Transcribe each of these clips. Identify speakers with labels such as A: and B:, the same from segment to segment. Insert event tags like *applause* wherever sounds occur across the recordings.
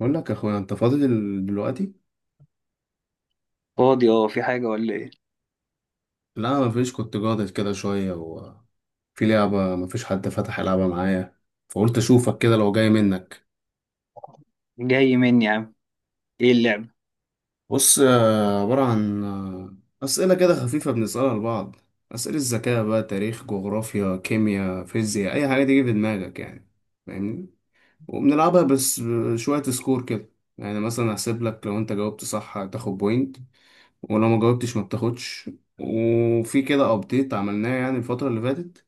A: بقول لك يا اخويا، انت فاضي دلوقتي.
B: فاضي، اه، في حاجة ولا ايه؟
A: لا، ما فيش. كنت جاضد كده شويه، وفي لعبه ما فيش حد فتح يلعبها معايا. فقلت اشوفك كده لو جاي منك.
B: جاي مني يا عم. ايه اللعبة؟
A: بص، عباره عن اسئله كده خفيفه بنسالها لبعض. اسئله الذكاء بقى، تاريخ جغرافيا كيمياء فيزياء، اي حاجه تيجي في دماغك يعني. فاهمني؟ وبنلعبها بس، شويه سكور كده. يعني مثلا هحسب لك، لو انت جاوبت صح هتاخد بوينت. ولو ما جاوبتش ما بتاخدش. وفي كده ابديت عملناه يعني الفترة اللي فاتت.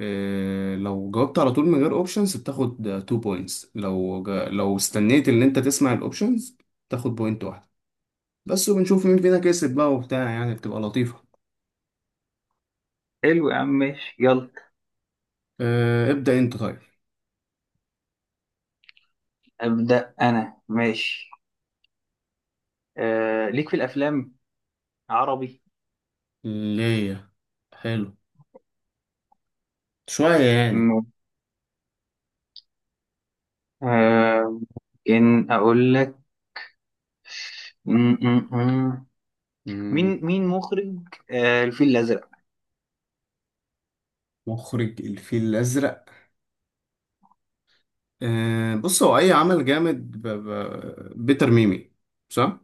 A: إيه، لو جاوبت على طول من غير اوبشنز بتاخد 2 بوينتس، لو استنيت ان انت تسمع الاوبشنز تاخد بوينت واحده بس. وبنشوف مين فينا كسب بقى وبتاع، يعني بتبقى لطيفه.
B: حلو يا عم، ماشي، يلا.
A: إيه، ابدأ انت طيب.
B: أبدأ أنا، ماشي. ليك في الأفلام عربي.
A: ليه؟ حلو. شويه يعني.
B: م- آه إن أقول لك. م- م- م.
A: مم،
B: مين مخرج الفيل الأزرق؟
A: مخرج الفيل الازرق؟ إيه، بص هو اي عمل جامد بيتر ميمي. صح؟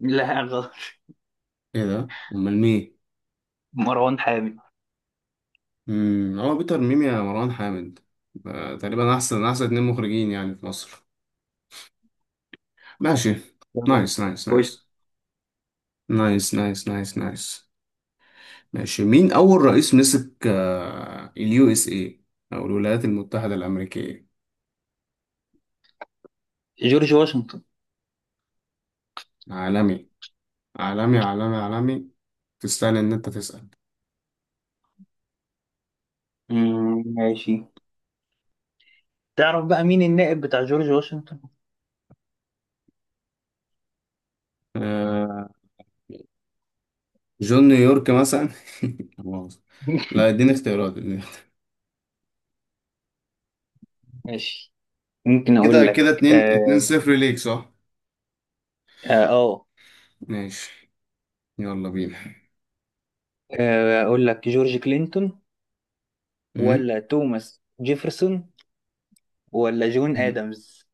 B: لا، غلط *laughs*
A: ايه ده؟ امال مين؟
B: مروان حامد.
A: هو بيتر ميمي يا مروان حامد؟ تقريبا احسن احسن اتنين مخرجين يعني في مصر. ماشي. نايس نايس
B: خش.
A: نايس نايس نايس نايس نايس. ماشي. مين أول رئيس مسك اليو اس اي أو الولايات المتحدة الأمريكية؟
B: جورج واشنطن.
A: عالمي. عالمي عالمي عالمي. تستاهل إن أنت تسأل.
B: ماشي. تعرف بقى مين النائب بتاع جورج واشنطن؟
A: آه، جون نيويورك مثلا. *laughs* لا مؤاخذة. لا،
B: *laughs*
A: اديني اختيارات، اديني اختيارات.
B: ماشي، ممكن أقول
A: كده كده
B: لك
A: اتنين اتنين صفر ليك، صح؟
B: آه آه.
A: ماشي. يلا بينا.
B: اقول لك جورج كلينتون
A: م?
B: ولا توماس جيفرسون ولا جون
A: م.
B: ادمز؟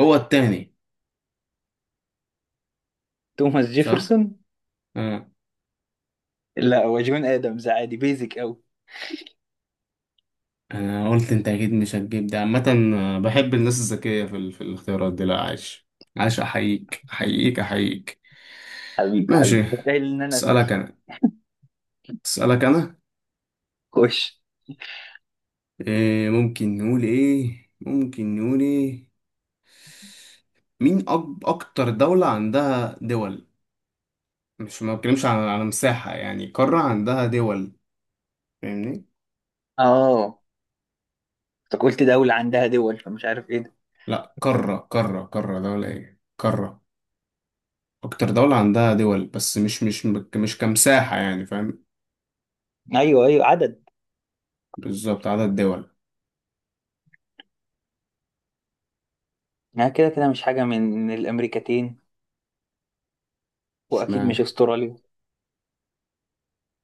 A: هو التاني.
B: توماس
A: صح.
B: جيفرسون.
A: آه.
B: لا، هو جون ادمز، عادي بيزك قوي.
A: انا قلت انت اكيد مش هتجيب ده عامه. بحب الناس الذكيه في الاختيارات دي. لا عايش. عايش. احييك احييك احييك.
B: حبيبي
A: ماشي.
B: حبيبي، متخيل ان انا اسال.
A: اسالك انا. اسالك انا.
B: خش.
A: إيه، ممكن نقول ايه، ممكن نقول ايه. مين اكتر دوله عندها دول؟ مش ما بتكلمش على مساحه، يعني قاره عندها دول. فاهمني؟
B: اه انت قلت دولة عندها دول، فمش عارف ايه ده.
A: لا، قاره قاره قاره، دوله ايه قاره. اكتر دوله عندها دول، بس مش كمساحه، يعني فاهم؟
B: ايوه ايوه، عدد.
A: بالظبط، عدد دول.
B: ما كده كده مش حاجة من الامريكتين، واكيد
A: اشمعنى؟
B: مش استراليا.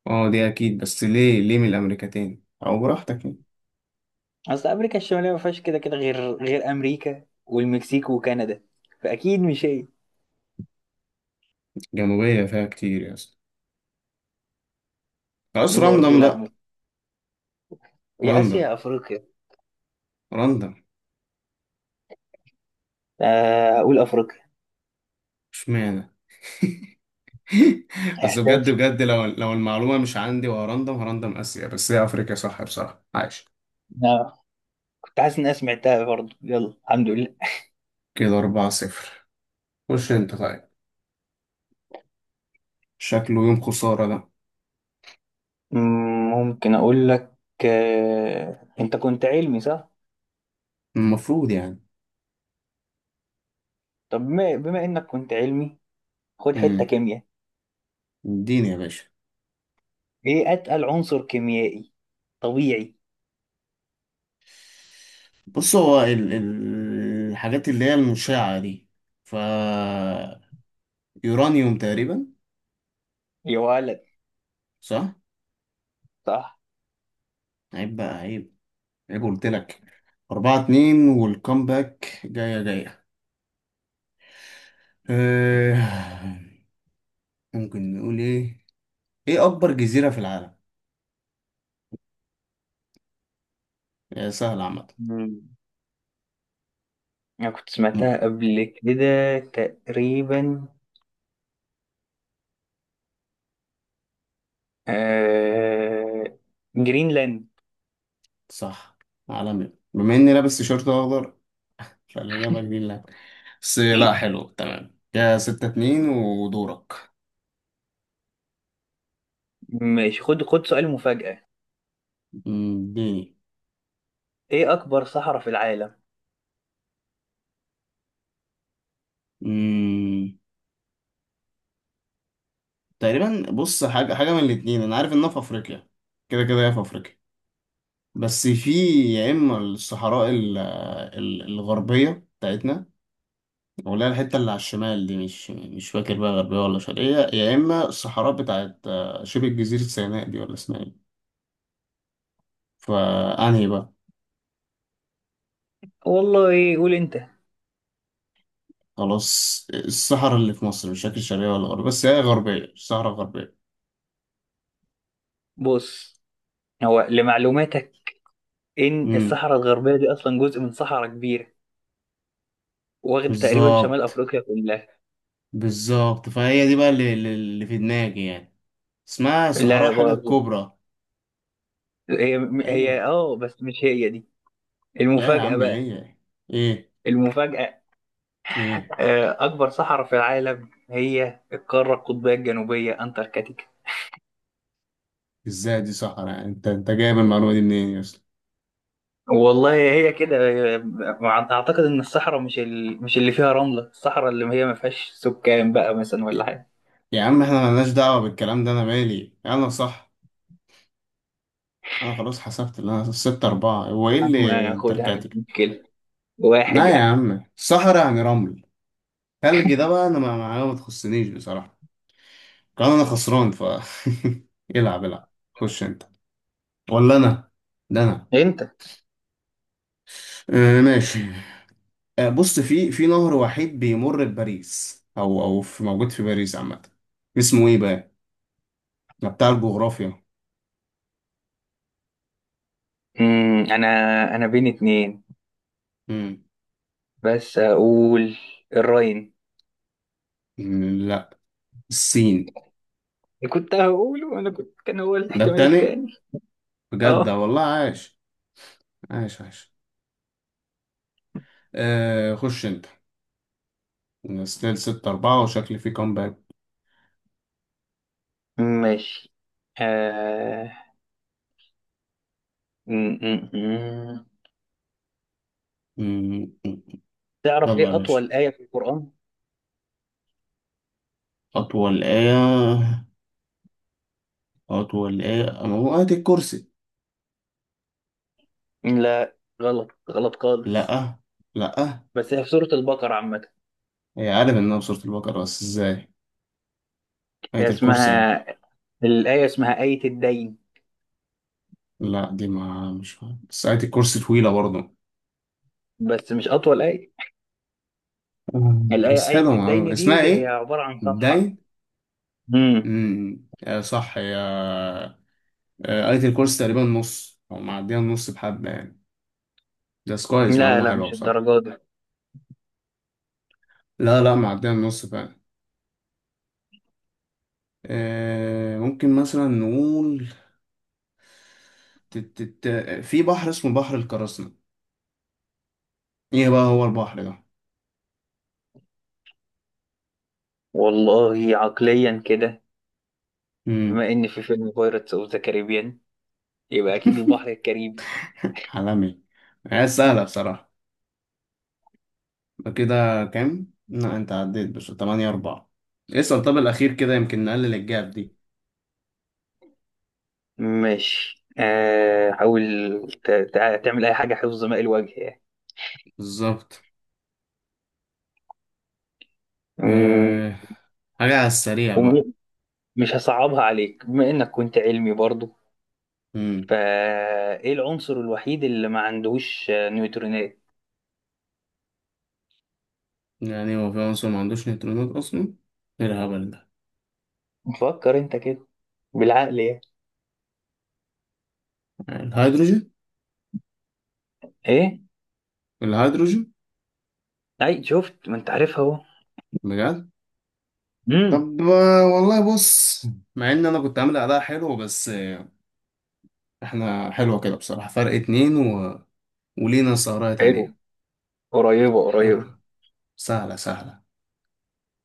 A: اه دي اكيد، بس ليه من الامريكتين؟ او براحتك يعني.
B: اصل امريكا الشمالية ما فيهاش كده كده غير امريكا والمكسيك وكندا، فاكيد مش هي.
A: جنوبية فيها كتير يا اسطى. خلاص،
B: برضه
A: راندم
B: لا،
A: بقى.
B: مش. يا اسيا
A: راندم.
B: يا افريقيا.
A: راندم.
B: اقول افريقيا.
A: اشمعنى؟ *laughs* بس بجد بجد، لو المعلومة مش عندي وهرندم، هرندم آسيا، بس هي أفريقيا صح، بصراحة عايش.
B: آه، كنت حاسس إن أنا سمعتها برضه. يلا الحمد لله.
A: كده 4-0. خش أنت طيب. شكله يوم خسارة ده.
B: مم، ممكن أقول لك، أنت كنت علمي صح؟
A: المفروض يعني.
B: طب بما إنك كنت علمي، خد حتة
A: امم.
B: كيمياء.
A: اديني يا باشا.
B: إيه أتقل عنصر كيميائي طبيعي؟
A: بص، هو ال الحاجات اللي هي المشعة دي، ف... يورانيوم تقريبا.
B: يا ولد،
A: صح.
B: صح؟
A: عيب بقى، عيب. عيب قلت لك. 4-2 والكامباك جاية جاية. آه، ممكن نقول ايه؟ ايه اكبر جزيرة في العالم؟ هي سهلة عامة.
B: مم. أنا كنت
A: مؤ
B: سمعتها قبل كده تقريبا. آه... جرينلاند.
A: صح. عالمي بما اني لابس تيشيرت اخضر فالاجابة دي لا. بس لا، حلو تمام كده. 6-2 ودورك.
B: ماشي، خد خد سؤال مفاجأة.
A: اديني.
B: إيه أكبر صحراء في العالم؟
A: مم، تقريبا بص، حاجة حاجة من الاتنين، انا عارف انها في افريقيا. كده كده هي في افريقيا، بس في... يا اما الصحراء الغربيه بتاعتنا، ولا الحته اللي على الشمال دي مش فاكر بقى غربيه ولا شرقيه، يا اما الصحراء بتاعت شبه جزيره سيناء دي، ولا اسمها ايه؟ فانهي بقى؟
B: والله، إيه؟ قول أنت.
A: خلاص، الصحراء اللي في مصر مش فاكر شرقيه ولا غربيه، بس هي غربيه، الصحراء الغربيه.
B: بص، هو لمعلوماتك ان
A: امم.
B: الصحراء الغربيه دي اصلا جزء من صحراء كبيره، واخده تقريبا شمال
A: بالظبط.
B: افريقيا كلها.
A: بالظبط، فهي دي بقى اللي في دماغي يعني. اسمها صحراء
B: لا
A: حاجه
B: برضه.
A: كبرى.
B: هي هي
A: ايوه.
B: بس مش هي دي.
A: يا
B: المفاجاه
A: عم
B: بقى.
A: هي. ايه.
B: المفاجاه،
A: ايه.
B: اكبر صحراء في العالم هي القاره القطبيه الجنوبيه انتاركتيكا.
A: ازاي دي صحراء يعني؟ انت جايب المعلومة دي منين اصلا؟
B: والله هي كده. اعتقد ان الصحراء مش مش اللي فيها رمله، الصحراء اللي هي ما فيهاش سكان بقى مثلا، ولا
A: يا
B: حاجه.
A: يا عم، احنا ملناش دعوة بالكلام ده، انا مالي انا صح. انا خلاص حسبت اللي انا 6-4، هو ايه اللي
B: أما
A: انت
B: خدها، مش
A: رجعت كده؟
B: مشكله، واحد
A: لا يا
B: يعني.
A: عم، صحراء يعني رمل. تلج ده بقى انا ما معايا، ما تخصنيش بصراحة. كان انا خسران، ف... *laughs* العب العب، خش انت. ولا انا؟ ده انا.
B: انت.
A: آه، ماشي. آه، بص، في نهر وحيد بيمر بباريس، او في، موجود في باريس عامة. اسمه ايه بقى؟ ده بتاع الجغرافيا.
B: امم انا انا بين اتنين،
A: مم.
B: بس هقول الراين.
A: لا. السين.
B: كنت هقوله، انا كنت كان هو
A: ده
B: الاحتمال
A: التاني.
B: التاني.
A: بجد،
B: اه،
A: ده والله عاش. عاش عاش. آه، خش انت. ستيل 6-4، وشكلي في كومباك.
B: ماشي. آه... م- م- م.
A: مم. مم.
B: تعرف
A: يلا يا
B: ايه
A: باشا.
B: اطول آية في القرآن؟
A: أطول إيه؟ أطول إيه؟ أما هو آية الكرسي.
B: لا، غلط غلط خالص،
A: لأ. لأ.
B: بس هي في سورة البقرة عامة.
A: هي، عارف إنها بسورة البقرة، بس إزاي؟
B: هي
A: آية الكرسي يعني.
B: اسمها الآية اسمها آية الدين.
A: لا، دي ما مش عارف. بس آية الكرسي طويلة برضه.
B: بس مش أطول آية.
A: مم. بس
B: الآية آية
A: حلوة معلومة،
B: الدين
A: اسمها
B: دي هي
A: إيه؟
B: عبارة عن صفحة.
A: داين.
B: مم.
A: مم. صح، يا قريت الكورس تقريبا نص او معديه النص بحبه يعني. ده كويس،
B: لا
A: معلومه
B: لا،
A: حلوه
B: مش
A: بصراحه.
B: الدرجة دي.
A: لا لا، معديه النص فعلا. ممكن مثلا نقول ت- ت- في بحر اسمه بحر القراصنة. ايه بقى هو البحر ده؟
B: والله عقليا كده،
A: امم.
B: بما إن في فيلم بايرتس أوف ذا كاريبيان، يبقى اكيد البحر الكاريبي.
A: حلمي. هي سهله بصراحه. يبقى كده كام؟ لا انت عديت بس 8-4. اسأل. طب الاخير كده، يمكن نقلل الجاب دي.
B: ماشي، حاول تعمل اي حاجه، حفظ ماء الوجه يعني.
A: بالظبط.
B: مم،
A: آه، حاجه على السريع بقى.
B: ومش هصعبها عليك، بما انك كنت علمي برضو،
A: امم.
B: فايه العنصر الوحيد اللي ما عندهوش نيوترونات؟
A: يعني هو في عنصر ما عندوش نيوترونات اصلا؟ ايه الهبل ده.
B: فكر انت كده، بالعقل يعني.
A: الهيدروجين.
B: ايه؟
A: الهيدروجين.
B: اي، شفت ما انت عارفها اهو.
A: بجد؟
B: امم
A: طب والله بص، مع ان انا كنت عامل اداء حلو بس احنا حلوه كده بصراحه، فرق اتنين ولينا سهرية
B: حلو.
A: تانية.
B: قريبه
A: حلو.
B: قريبه.
A: سهله سهله.